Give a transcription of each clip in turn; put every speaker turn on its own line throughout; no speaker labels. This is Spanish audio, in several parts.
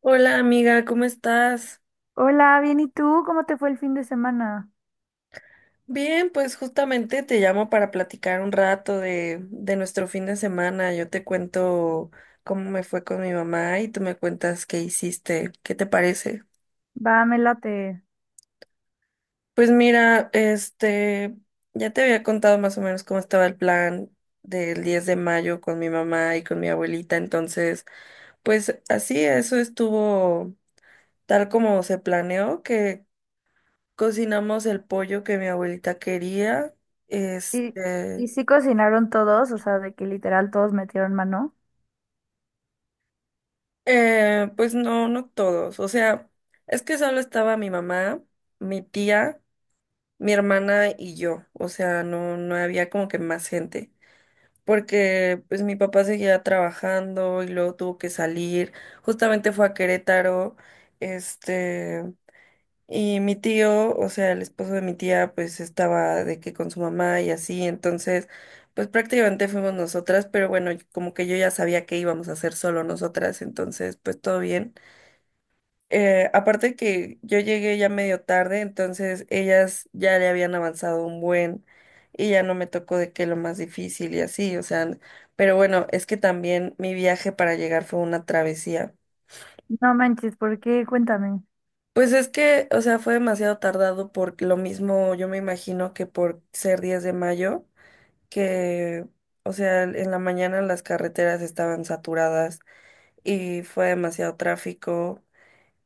Hola amiga, ¿cómo estás?
Hola, bien, ¿y tú? ¿Cómo te fue el fin de semana?
Bien, pues justamente te llamo para platicar un rato de nuestro fin de semana. Yo te cuento cómo me fue con mi mamá y tú me cuentas qué hiciste. ¿Qué te parece?
Va, me late.
Pues mira, ya te había contado más o menos cómo estaba el plan del 10 de mayo con mi mamá y con mi abuelita. Entonces, pues así, eso estuvo tal como se planeó, que cocinamos el pollo que mi abuelita quería.
¿Y,
Este,
y sí cocinaron todos? O sea, de que literal todos metieron mano.
pues no, no todos. O sea, es que solo estaba mi mamá, mi tía, mi hermana y yo. O sea, no, no había como que más gente. Porque pues mi papá seguía trabajando y luego tuvo que salir. Justamente fue a Querétaro. Este. Y mi tío, o sea, el esposo de mi tía, pues estaba de que con su mamá y así, entonces, pues prácticamente fuimos nosotras, pero bueno, como que yo ya sabía que íbamos a hacer solo nosotras, entonces, pues todo bien. Aparte que yo llegué ya medio tarde, entonces ellas ya le habían avanzado un buen y ya no me tocó de que lo más difícil y así, o sea, pero bueno, es que también mi viaje para llegar fue una travesía.
No manches, ¿por qué? Cuéntame.
Pues es que, o sea, fue demasiado tardado por lo mismo, yo me imagino que por ser 10 de mayo, que, o sea, en la mañana las carreteras estaban saturadas y fue demasiado tráfico.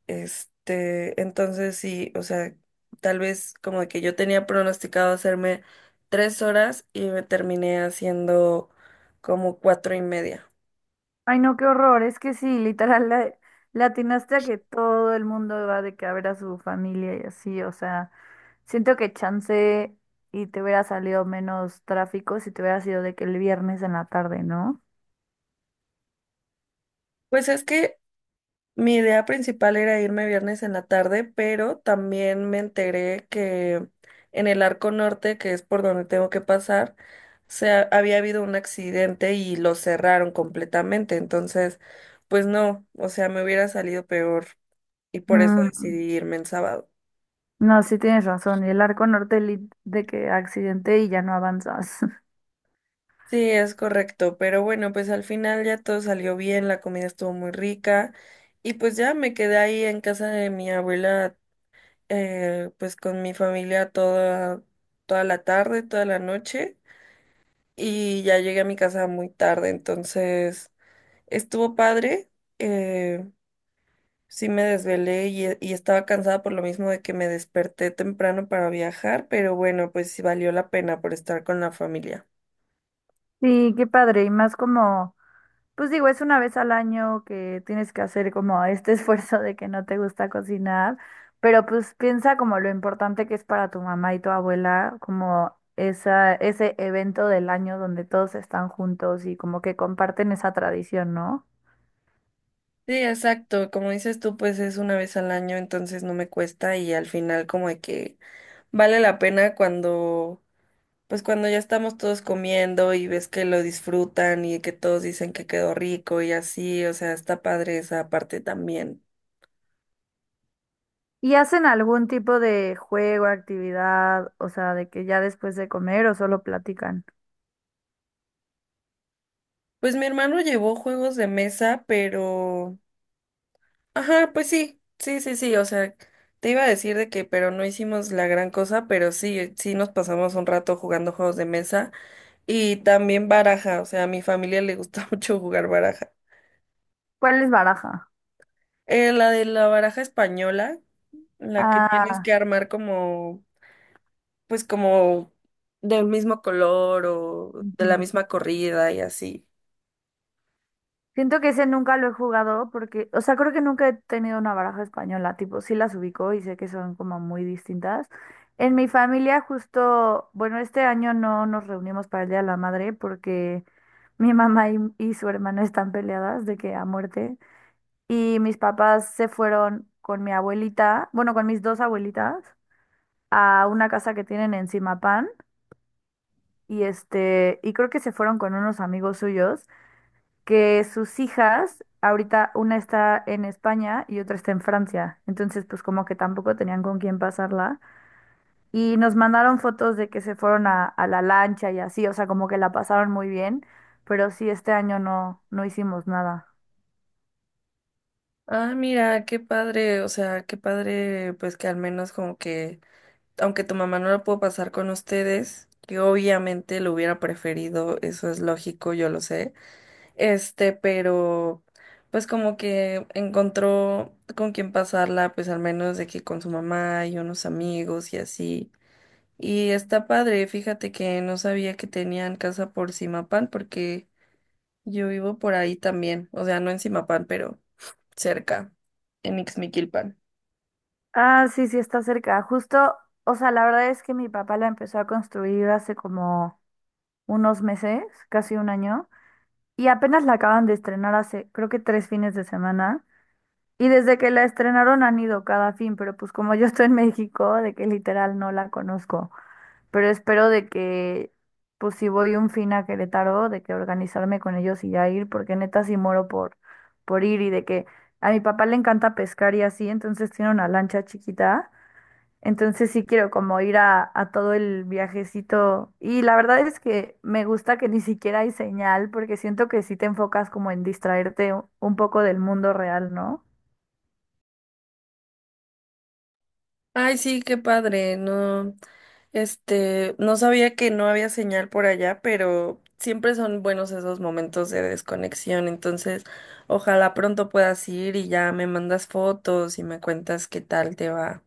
Entonces sí, o sea, tal vez como que yo tenía pronosticado hacerme 3 horas y me terminé haciendo como 4 y media.
Ay, no, qué horror. Es que sí, literal, le atinaste a que todo el mundo va de que a ver a su familia y así. O sea, siento que chance y te hubiera salido menos tráfico si te hubiera sido de que el viernes en la tarde, ¿no?
Pues es que Mi idea principal era irme viernes en la tarde, pero también me enteré que en el Arco Norte, que es por donde tengo que pasar, había habido un accidente y lo cerraron completamente. Entonces, pues no, o sea, me hubiera salido peor y por eso
Mm,
decidí irme en sábado.
no, sí tienes razón. Y el Arco Norte de que accidente y ya no avanzas.
Sí, es correcto, pero bueno, pues al final ya todo salió bien, la comida estuvo muy rica y pues ya me quedé ahí en casa de mi abuela, pues con mi familia toda, toda la tarde, toda la noche, y ya llegué a mi casa muy tarde, entonces estuvo padre. eh, sí me desvelé y estaba cansada por lo mismo de que me desperté temprano para viajar, pero bueno, pues sí valió la pena por estar con la familia.
Sí, qué padre, y más como, pues digo, es una vez al año que tienes que hacer como este esfuerzo de que no te gusta cocinar, pero pues piensa como lo importante que es para tu mamá y tu abuela, como esa, ese evento del año donde todos están juntos y como que comparten esa tradición, ¿no?
Sí, exacto, como dices tú, pues es una vez al año, entonces no me cuesta y al final como de que vale la pena cuando ya estamos todos comiendo y ves que lo disfrutan y que todos dicen que quedó rico y así, o sea, está padre esa parte también.
¿Y hacen algún tipo de juego, actividad, o sea, de que ya después de comer o solo platican?
Pues mi hermano llevó juegos de mesa, pero. Ajá, pues sí, sí, sí, sí, o sea, te iba a decir de que, pero no hicimos la gran cosa, pero sí, sí nos pasamos un rato jugando juegos de mesa y también baraja, o sea, a mi familia le gusta mucho jugar baraja.
¿Cuál es baraja?
La de la baraja española, la que tienes
Ah,
que armar como del mismo color o de la
ujú.
misma corrida y así.
Siento que ese nunca lo he jugado porque, o sea, creo que nunca he tenido una baraja española, tipo, sí las ubico y sé que son como muy distintas. En mi familia justo, bueno, este año no nos reunimos para el Día de la Madre porque mi mamá y su hermana están peleadas de que a muerte y mis papás se fueron con mi abuelita, bueno, con mis dos abuelitas a una casa que tienen en Zimapán y este, y creo que se fueron con unos amigos suyos que sus hijas, ahorita una está en España y otra está en Francia, entonces pues como que tampoco tenían con quién pasarla y nos mandaron fotos de que se fueron a la lancha y así, o sea, como que la pasaron muy bien, pero sí, este año no, no hicimos nada.
Ah, mira, qué padre, o sea, qué padre, pues que al menos como que, aunque tu mamá no lo pudo pasar con ustedes, que obviamente lo hubiera preferido, eso es lógico, yo lo sé, pero pues como que encontró con quién pasarla, pues al menos de que con su mamá y unos amigos y así. Y está padre, fíjate que no sabía que tenían casa por Zimapán, porque yo vivo por ahí también, o sea, no en Zimapán, pero cerca, en Ixmiquilpan.
Ah, sí, sí, está cerca. Justo, o sea, la verdad es que mi papá la empezó a construir hace como unos meses, casi un año, y apenas la acaban de estrenar hace, creo que tres fines de semana. Y desde que la estrenaron han ido cada fin, pero pues como yo estoy en México, de que literal no la conozco. Pero espero de que, pues si voy un fin a Querétaro, de que organizarme con ellos y ya ir, porque neta sí moro por, ir y de que a mi papá le encanta pescar y así, entonces tiene una lancha chiquita. Entonces sí quiero como ir a todo el viajecito. Y la verdad es que me gusta que ni siquiera hay señal, porque siento que sí te enfocas como en distraerte un poco del mundo real, ¿no?
Ay, sí, qué padre, no, no sabía que no había señal por allá, pero siempre son buenos esos momentos de desconexión, entonces ojalá pronto puedas ir y ya me mandas fotos y me cuentas qué tal te va.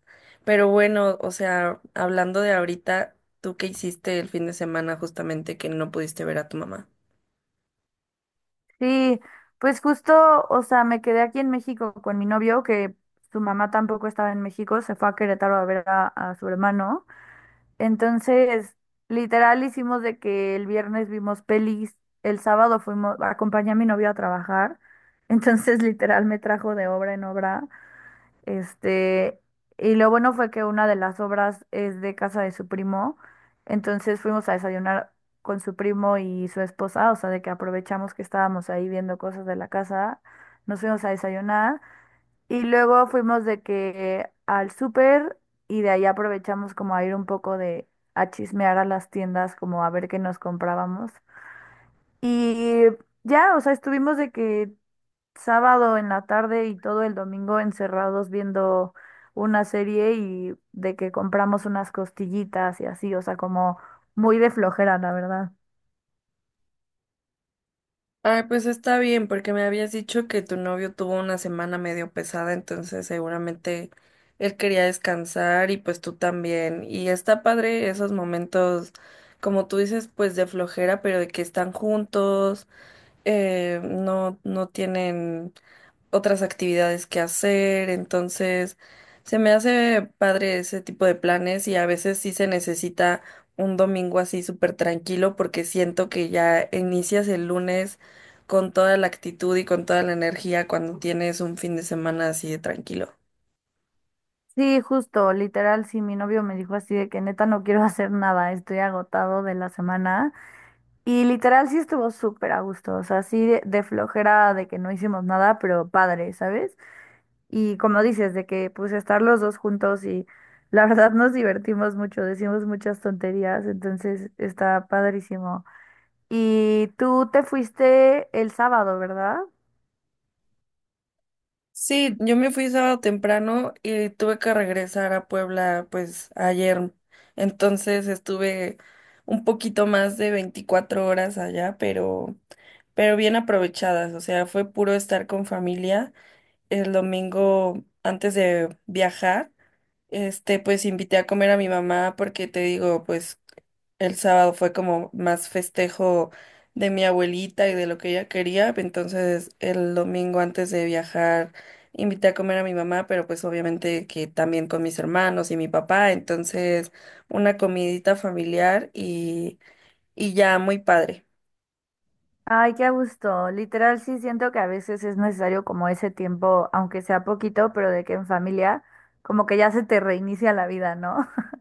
Pero bueno, o sea, hablando de ahorita, ¿tú qué hiciste el fin de semana justamente que no pudiste ver a tu mamá?
Sí, pues justo, o sea, me quedé aquí en México con mi novio, que su mamá tampoco estaba en México, se fue a Querétaro a ver a su hermano. Entonces, literal hicimos de que el viernes vimos pelis, el sábado fuimos, acompañé a mi novio a trabajar. Entonces, literal me trajo de obra en obra. Este, y lo bueno fue que una de las obras es de casa de su primo, entonces fuimos a desayunar con su primo y su esposa, o sea, de que aprovechamos que estábamos ahí viendo cosas de la casa, nos fuimos a desayunar y luego fuimos de que al súper y de ahí aprovechamos como a ir un poco de a chismear a las tiendas, como a ver qué nos comprábamos. Y ya, o sea, estuvimos de que sábado en la tarde y todo el domingo encerrados viendo una serie y de que compramos unas costillitas y así, o sea, como muy de flojera, la verdad.
Ay, pues está bien, porque me habías dicho que tu novio tuvo una semana medio pesada, entonces seguramente él quería descansar y pues tú también. Y está padre esos momentos, como tú dices, pues de flojera, pero de que están juntos, no, no tienen otras actividades que hacer, entonces se me hace padre ese tipo de planes y a veces sí se necesita un domingo así súper tranquilo porque siento que ya inicias el lunes con toda la actitud y con toda la energía cuando tienes un fin de semana así de tranquilo.
Sí, justo, literal, sí, mi novio me dijo así de que neta no quiero hacer nada, estoy agotado de la semana. Y literal sí estuvo súper a gusto, o sea, sí de, flojera de que no hicimos nada, pero padre, ¿sabes? Y como dices, de que pues estar los dos juntos y la verdad nos divertimos mucho, decimos muchas tonterías, entonces está padrísimo. Y tú te fuiste el sábado, ¿verdad?
Sí, yo me fui sábado temprano y tuve que regresar a Puebla pues ayer. Entonces estuve un poquito más de 24 horas allá, pero bien aprovechadas, o sea, fue puro estar con familia. El domingo antes de viajar, pues invité a comer a mi mamá porque te digo, pues el sábado fue como más festejo de mi abuelita y de lo que ella quería. Entonces, el domingo antes de viajar, invité a comer a mi mamá, pero pues obviamente que también con mis hermanos y mi papá. Entonces, una comidita familiar y ya muy padre.
Ay, qué a gusto. Literal, sí siento que a veces es necesario como ese tiempo, aunque sea poquito, pero de que en familia como que ya se te reinicia la vida, ¿no?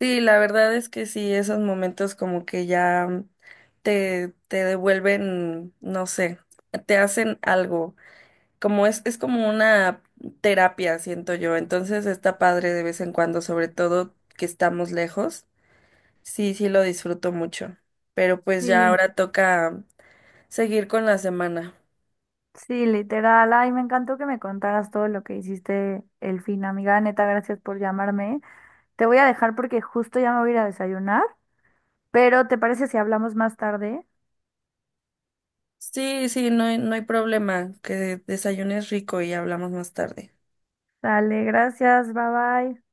Sí, la verdad es que sí, esos momentos como que ya te devuelven, no sé, te hacen algo. Es como una terapia, siento yo. Entonces está padre de vez en cuando, sobre todo que estamos lejos. Sí, sí lo disfruto mucho. Pero pues ya, sí,
Sí,
ahora toca seguir con la semana.
sí, literal. Ay, me encantó que me contaras todo lo que hiciste el fin, amiga. Neta, gracias por llamarme. Te voy a dejar porque justo ya me voy a ir a desayunar, pero ¿te parece si hablamos más tarde?
Sí, sí, no hay problema. Que desayunes rico y hablamos más tarde.
Dale, gracias, bye bye.